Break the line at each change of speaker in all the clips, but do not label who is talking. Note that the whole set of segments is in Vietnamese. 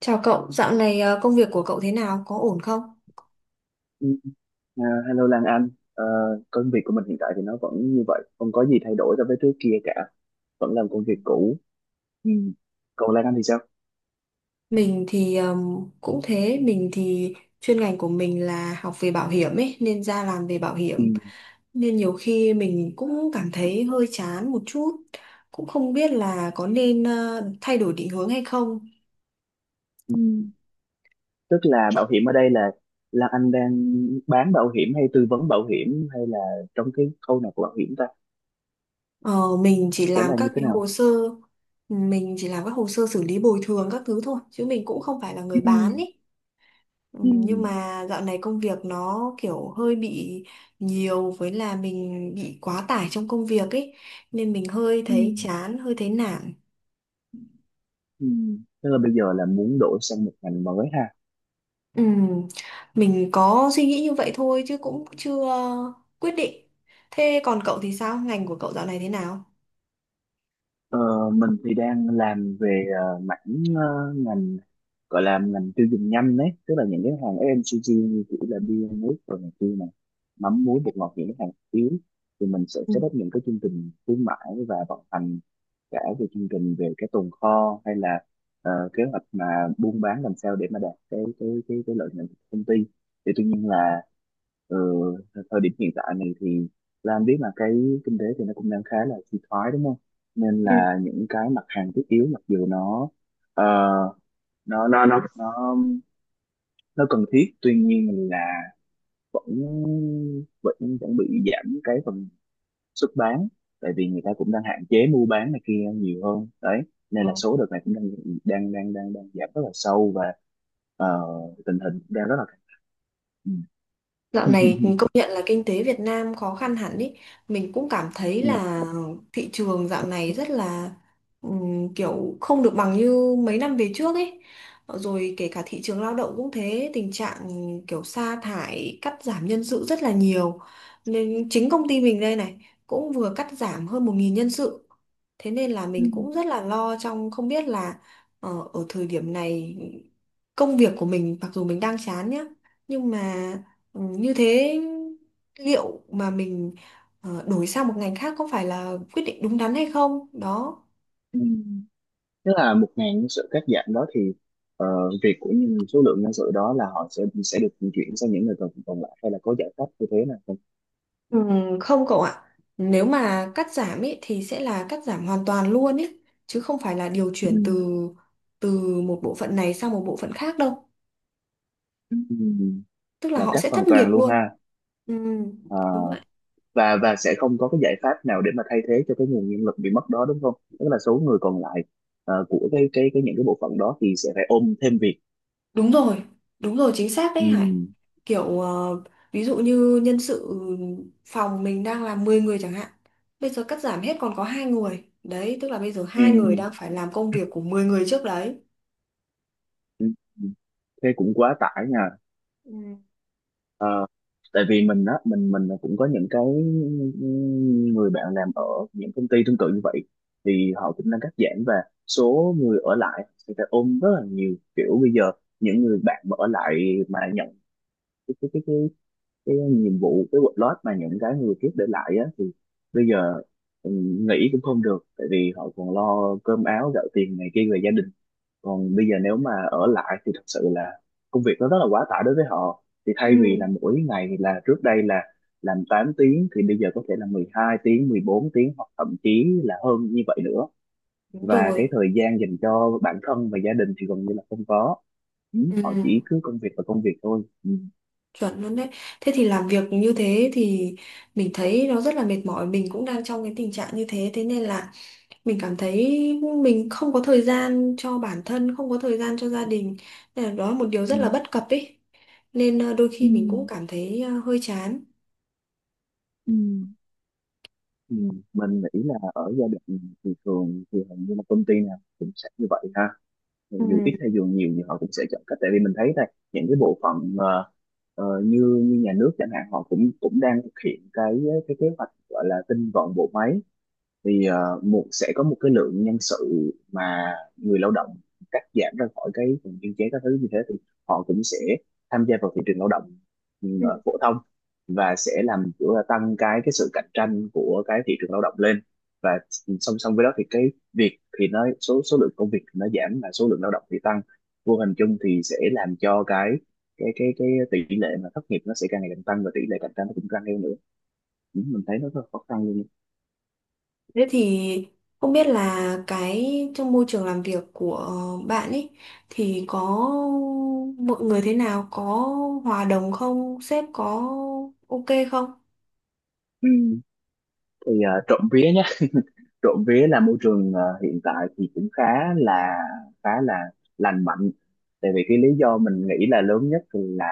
Chào cậu, dạo này công việc của cậu thế nào? Có ổn không?
Ừ, à, Hello Lan Anh. Ờ, Công việc của mình hiện tại thì nó vẫn như vậy, không có gì thay đổi so với trước kia cả, vẫn làm công việc
Ừ.
cũ. Ừ. Còn Lan Anh thì sao?
Mình thì cũng thế, mình thì chuyên ngành của mình là học về bảo hiểm ấy, nên ra làm về bảo
Ừ.
hiểm. Nên nhiều khi mình cũng cảm thấy hơi chán một chút, cũng không biết là có nên thay đổi định hướng hay không.
Ừ. Ừ. Tức là bảo hiểm ở đây là Lan Anh đang bán bảo hiểm hay tư vấn bảo hiểm hay là trong cái khâu nào của bảo hiểm ta?
Ờ, mình chỉ
Sẽ
làm
là như
các
thế
cái hồ
nào?
sơ, mình chỉ làm các hồ sơ xử lý bồi thường các thứ thôi, chứ mình cũng không phải là người
Ừ.
bán ý. Ừ,
Ừ. Ừ.
nhưng mà dạo này công việc nó kiểu hơi bị nhiều với là mình bị quá tải trong công việc ấy, nên mình hơi
Ừ.
thấy chán, hơi thấy nản.
Ừ. Ừ. Tức là bây giờ là muốn đổi sang một ngành mới ha.
Ừ, mình có suy nghĩ như vậy thôi chứ cũng chưa quyết định. Thế còn cậu thì sao? Ngành của cậu dạo này thế nào?
Ờ, mình thì đang làm về mảng, ngành gọi là ngành tiêu dùng nhanh đấy, tức là những cái hàng FMCG như kiểu là bia nước rồi này kia này, mắm muối bột ngọt, những cái hàng yếu thì mình sẽ
Ừ.
set up những cái chương trình khuyến mãi và vận hành cả về chương trình, về cái tồn kho, hay là kế hoạch mà buôn bán làm sao để mà đạt cái lợi nhuận của công ty. Thì tuy nhiên là ờ, thời điểm hiện tại này thì Lan biết là cái kinh tế thì nó cũng đang khá là suy thoái đúng không, nên là những cái mặt hàng thiết yếu mặc dù nó ờ, nó nó nó nó nó cần thiết, tuy nhiên là vẫn vẫn vẫn bị giảm cái phần xuất bán, tại vì người ta cũng đang hạn chế mua bán này kia nhiều hơn đấy,
Ừ.
nên là số đợt này cũng đang đang đang đang đang giảm rất là sâu và ờ, tình hình cũng đang rất là căng thẳng.
Dạo
Ừ.
này công nhận là kinh tế Việt Nam khó khăn hẳn ý. Mình cũng cảm thấy là thị trường dạo này rất là kiểu không được bằng như mấy năm về trước ấy. Rồi kể cả thị trường lao động cũng thế, tình trạng kiểu sa thải, cắt giảm nhân sự rất là nhiều. Nên chính công ty mình đây này cũng vừa cắt giảm hơn 1.000 nhân sự. Thế nên là mình cũng rất là lo trong không biết là ở thời điểm này công việc của mình mặc dù mình đang chán nhá, nhưng mà ừ, như thế, liệu mà mình đổi sang một ngành khác có phải là quyết định đúng đắn hay không? Đó.
Thế là 1.000 nhân sự cắt giảm đó thì ờ, việc của những số lượng nhân sự đó là họ sẽ được chuyển sang những người còn còn lại, hay là có giải pháp như thế nào không?
Ừ, không cậu ạ. Nếu mà cắt giảm ý, thì sẽ là cắt giảm hoàn toàn luôn ý, chứ không phải là điều chuyển từ từ một bộ phận này sang một bộ phận khác đâu.
Ừm,
Tức là
là
họ
cắt
sẽ
hoàn
thất nghiệp
toàn luôn
luôn.
ha.
Ừ,
À,
đúng vậy.
và sẽ không có cái giải pháp nào để mà thay thế cho cái nguồn nhân lực bị mất đó đúng không? Tức là số người còn lại, của cái những cái bộ phận đó thì sẽ phải ôm thêm việc.
Đúng rồi, đúng rồi, chính xác đấy Hải.
Ừm,
Kiểu ví dụ như nhân sự phòng mình đang làm 10 người chẳng hạn. Bây giờ cắt giảm hết còn có hai người. Đấy, tức là bây giờ hai người
ừm,
đang phải làm công việc của 10 người trước đấy.
ừm, Thế cũng quá tải nha.
Ừ.
Ờ, Tại vì mình á, mình cũng có những cái người bạn làm ở những công ty tương tự như vậy, thì họ cũng đang cắt giảm và số người ở lại thì phải ôm rất là nhiều. Kiểu bây giờ những người bạn mà ở lại mà nhận cái cái nhiệm vụ, cái workload mà những cái người trước để lại á, thì bây giờ ừ, nghỉ cũng không được tại vì họ còn lo cơm áo gạo tiền này kia về gia đình, còn bây giờ nếu mà ở lại thì thật sự là công việc nó rất là quá tải đối với họ. Thì
Ừ,
thay vì là mỗi ngày là trước đây là làm 8 tiếng, thì bây giờ có thể là 12 tiếng, 14 tiếng, hoặc thậm chí là hơn như vậy nữa,
đúng
và
rồi.
cái thời gian dành cho bản thân và gia đình thì gần như là không có. Ừ, họ
Ừ,
chỉ cứ công việc và công việc thôi. Ừ.
chuẩn luôn đấy. Thế thì làm việc như thế thì mình thấy nó rất là mệt mỏi. Mình cũng đang trong cái tình trạng như thế. Thế nên là mình cảm thấy mình không có thời gian cho bản thân, không có thời gian cho gia đình. Nên là đó là một điều
Ừ.
rất là
Ừ.
bất cập ý. Nên đôi khi mình cũng cảm thấy hơi chán.
Ừ, mình nghĩ là ở giai đoạn này thì thường thì hầu như là công ty nào cũng sẽ như vậy ha, dù ít
Ừ.
hay dù nhiều thì họ cũng sẽ chọn cách. Tại vì mình thấy đây, những cái bộ phận như như nhà nước chẳng hạn, họ cũng cũng đang thực hiện cái kế hoạch gọi là tinh gọn bộ máy. Thì một sẽ có một cái lượng nhân sự mà người lao động cắt giảm ra khỏi cái vùng biên chế các thứ như thế, thì họ cũng sẽ tham gia vào thị trường lao động
Ừ.
phổ thông, và sẽ làm kiểu là tăng cái sự cạnh tranh của cái thị trường lao động lên. Và song song với đó thì cái việc thì nó, số số lượng công việc thì nó giảm và số lượng lao động thì tăng, vô hình chung thì sẽ làm cho cái cái tỷ lệ mà thất nghiệp nó sẽ càng ngày càng tăng và tỷ lệ cạnh tranh nó cũng tăng theo nữa. Ừ, mình thấy nó rất là khó khăn luôn.
Thế thì không biết là cái trong môi trường làm việc của bạn ấy thì có mọi người thế nào, có hòa đồng không, sếp có ok không?
Ừ. Thì trộm vía, trộm vía là môi trường hiện tại thì cũng là khá là lành mạnh, tại vì cái lý do mình nghĩ là lớn nhất là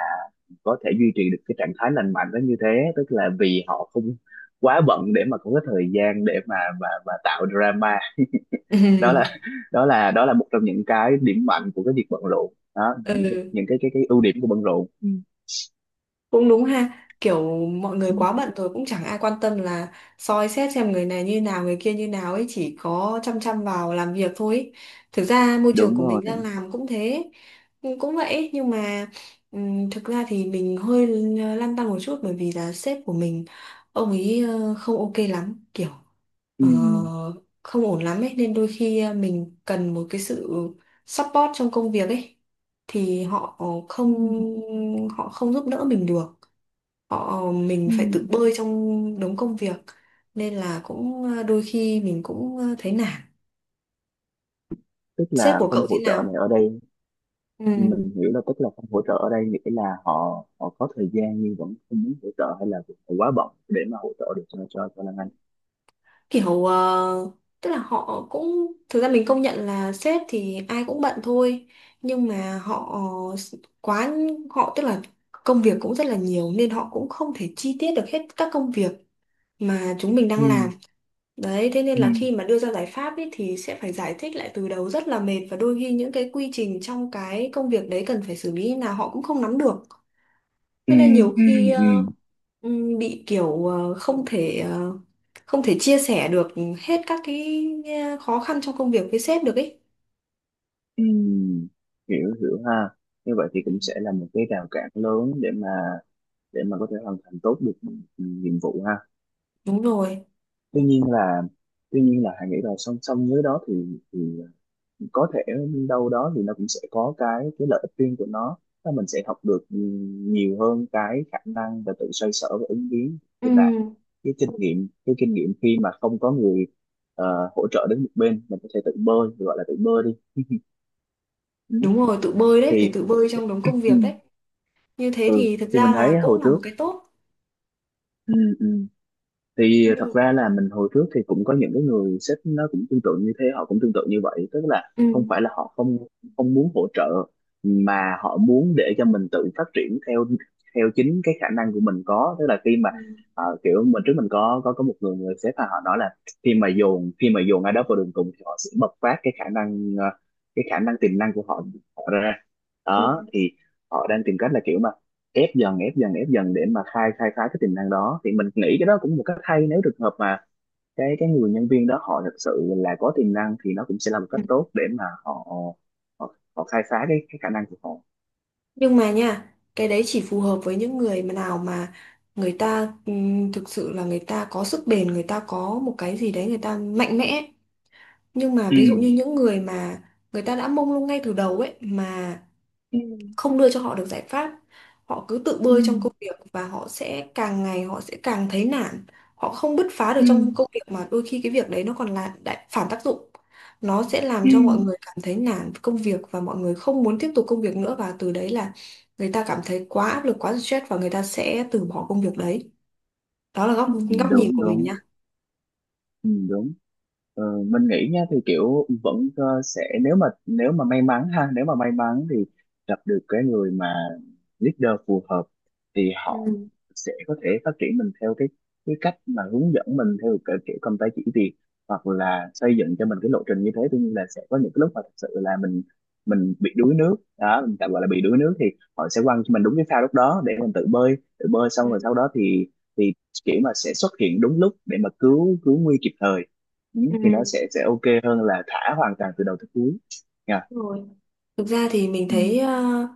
có thể duy trì được cái trạng thái lành mạnh đó như thế, tức là vì họ không quá bận để mà có cái thời gian để mà mà tạo drama. đó là đó là đó là một trong những cái điểm mạnh của cái việc bận rộn đó,
Ừ.
những cái ưu điểm của bận rộn. Ừ.
Cũng đúng ha, kiểu mọi người
Ừ,
quá bận rồi cũng chẳng ai quan tâm là soi xét xem người này như nào người kia như nào ấy, chỉ có chăm chăm vào làm việc thôi ấy. Thực ra môi trường
đúng
của
rồi.
mình đang làm cũng thế, cũng cũng vậy, nhưng mà thực ra thì mình hơi lăn tăn một chút bởi vì là sếp của mình, ông ấy không ok lắm, kiểu
Ừ.
ờ, không ổn lắm ấy, nên đôi khi mình cần một cái sự support trong công việc ấy thì họ không
Ừ,
họ không giúp đỡ mình được. Mình phải tự
ừ,
bơi trong đống công việc, nên là cũng đôi khi mình cũng thấy nản.
tức
Sếp
là
của
không
cậu thế
hỗ trợ
nào?
này ở đây,
Ừ.
mình hiểu là tức là không hỗ trợ ở đây nghĩa là họ họ có thời gian nhưng vẫn không muốn hỗ trợ, hay là họ quá bận để mà hỗ trợ được cho cho Lan Anh?
Kiểu tức là họ cũng, thực ra mình công nhận là sếp thì ai cũng bận thôi, nhưng mà quá họ tức là công việc cũng rất là nhiều nên họ cũng không thể chi tiết được hết các công việc mà chúng mình
Ừ
đang làm. Đấy, thế nên
ừ
là khi mà đưa ra giải pháp ấy, thì sẽ phải giải thích lại từ đầu rất là mệt, và đôi khi những cái quy trình trong cái công việc đấy cần phải xử lý là họ cũng không nắm được.
ừ
Thế nên nhiều
ừ.
khi
Ừ.
bị kiểu không thể chia sẻ được hết các cái khó khăn trong công việc với sếp được ấy.
Ừ. Hiểu hiểu ha, như vậy thì
Ừ.
cũng sẽ là một cái rào cản lớn để mà, để mà có thể hoàn thành tốt được nhiệm vụ ha.
Đúng rồi.
Tuy nhiên là, tuy nhiên là Hà nghĩ là song song với đó thì có thể đâu đó thì nó cũng sẽ có cái lợi ích riêng của nó. Tức mình sẽ học được nhiều hơn cái khả năng và tự xoay sở và ứng biến, như là
Ừm,
cái kinh nghiệm, cái kinh nghiệm khi mà không có người hỗ trợ đến một bên, mình có thể tự bơi, gọi là tự bơi đi. Ừ.
đúng rồi, tự bơi đấy, phải
Thì
tự bơi trong đống công
ừ.
việc đấy. Như thế
Ừ,
thì thực
thì
ra
mình
là
thấy
cũng
hồi
là
trước,
một cái tốt.
ừ, ừ, thì thật
Nhưng
ra là mình hồi trước thì cũng có những cái người sếp nó cũng tương tự như thế, họ cũng tương tự như vậy, tức là
Ừ.
không phải là họ không không muốn hỗ trợ, mà họ muốn để cho mình tự phát triển theo theo chính cái khả năng của mình có. Tức là khi mà
Ừm.
kiểu mình trước mình có có một người, người sếp mà họ nói là khi mà dồn, khi mà dồn ai đó vào đường cùng thì họ sẽ bộc phát cái khả năng, cái khả năng tiềm năng của họ, họ ra đó. Thì họ đang tìm cách là kiểu mà ép dần, ép dần ép dần để mà khai khai phá cái tiềm năng đó, thì mình nghĩ cái đó cũng một cách hay, nếu trường hợp mà cái người nhân viên đó họ thật sự là có tiềm năng thì nó cũng sẽ là một cách
Ừ.
tốt để mà họ, họ họ khai phá cái khả năng của họ.
Nhưng mà nha, cái đấy chỉ phù hợp với những người mà nào mà người ta thực sự là người ta có sức bền, người ta có một cái gì đấy, người ta mạnh mẽ. Nhưng mà
Ừ.
ví dụ như những người mà người ta đã mông lung ngay từ đầu ấy mà không đưa cho họ được giải pháp, họ cứ tự
Ừ.
bơi trong công việc và họ sẽ càng ngày họ sẽ càng thấy nản, họ không bứt phá được
Ừ.
trong công việc mà đôi khi cái việc đấy nó còn là đại phản tác dụng, nó sẽ làm
Ừ.
cho mọi người cảm thấy nản với công việc và mọi người không muốn tiếp tục công việc nữa, và từ đấy là người ta cảm thấy quá áp lực, quá stress và người ta sẽ từ bỏ công việc đấy. Đó là góc
Ừ,
góc nhìn
đúng
của mình
đúng,
nhá.
ừ, đúng. Ờ, mình nghĩ nha thì kiểu vẫn sẽ nếu mà, nếu mà may mắn ha, nếu mà may mắn thì gặp được cái người mà leader phù hợp, thì họ
Ừ,
sẽ có thể phát triển mình theo cái cách, mà hướng dẫn mình theo cái kiểu công tác chỉ việc, hoặc là xây dựng cho mình cái lộ trình như thế. Tuy nhiên là sẽ có những cái lúc mà thật sự là mình bị đuối nước đó, mình tạm gọi là bị đuối nước, thì họ sẽ quăng cho mình đúng cái phao lúc đó để mình tự bơi, tự bơi xong
ừ,
rồi sau đó thì thì kiểu mà sẽ xuất hiện đúng lúc để mà cứu, cứu nguy kịp thời. Ừ,
ừ,
thì nó sẽ ok hơn là thả hoàn toàn từ đầu tới cuối nha.
đúng rồi. Thực ra thì mình
Ừ.
thấy ờ,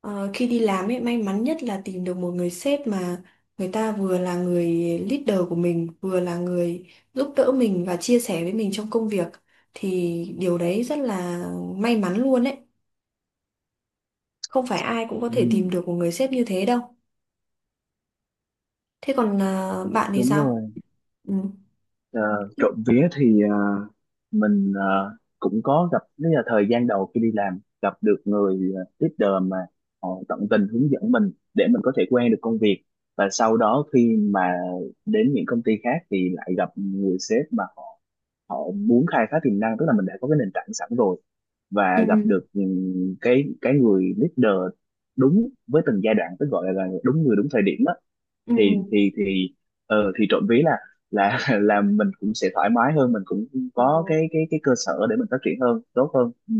ờ, khi đi làm ấy, may mắn nhất là tìm được một người sếp mà người ta vừa là người leader của mình, vừa là người giúp đỡ mình và chia sẻ với mình trong công việc, thì điều đấy rất là may mắn luôn ấy. Không phải ai cũng có thể tìm
Ừ,
được một người sếp như thế đâu. Thế còn bạn thì
đúng
sao?
rồi.
Ừ.
Ờ, trộm vía thì mình cũng có gặp, nếu là thời gian đầu khi đi làm gặp được người leader mà họ tận tình hướng dẫn mình để mình có thể quen được công việc. Và sau đó khi mà đến những công ty khác thì lại gặp người sếp mà họ họ muốn khai phá tiềm năng, tức là mình đã có cái nền tảng sẵn rồi, và gặp
Ừ.
được cái người leader đúng với từng giai đoạn, tức gọi là đúng người đúng thời điểm á.
Ừ.
Thì thì trộm vía là là mình cũng sẽ thoải mái hơn, mình cũng
Ờ,
có cái cái cơ sở để mình phát triển hơn, tốt hơn. Ừ.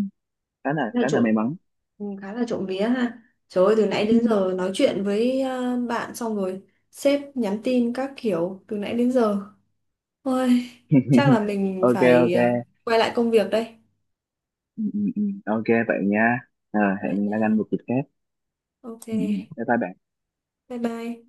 Khá là,
nói
khá là may
chung
mắn.
Ừ, khá là trộm vía ha. Trời ơi, từ nãy
Ừ.
đến giờ nói chuyện với bạn xong rồi sếp nhắn tin các kiểu từ nãy đến giờ. Ôi, chắc là mình
Ok
phải
ok.
quay lại công việc đây.
Ừ, ừ, ừ. Ok vậy nha. Ờ,
Vậy
hẹn gặp
nha.
anh một dịp khác.
Ok,
Ừ. Ừ. Bye bye bạn.
bye bye.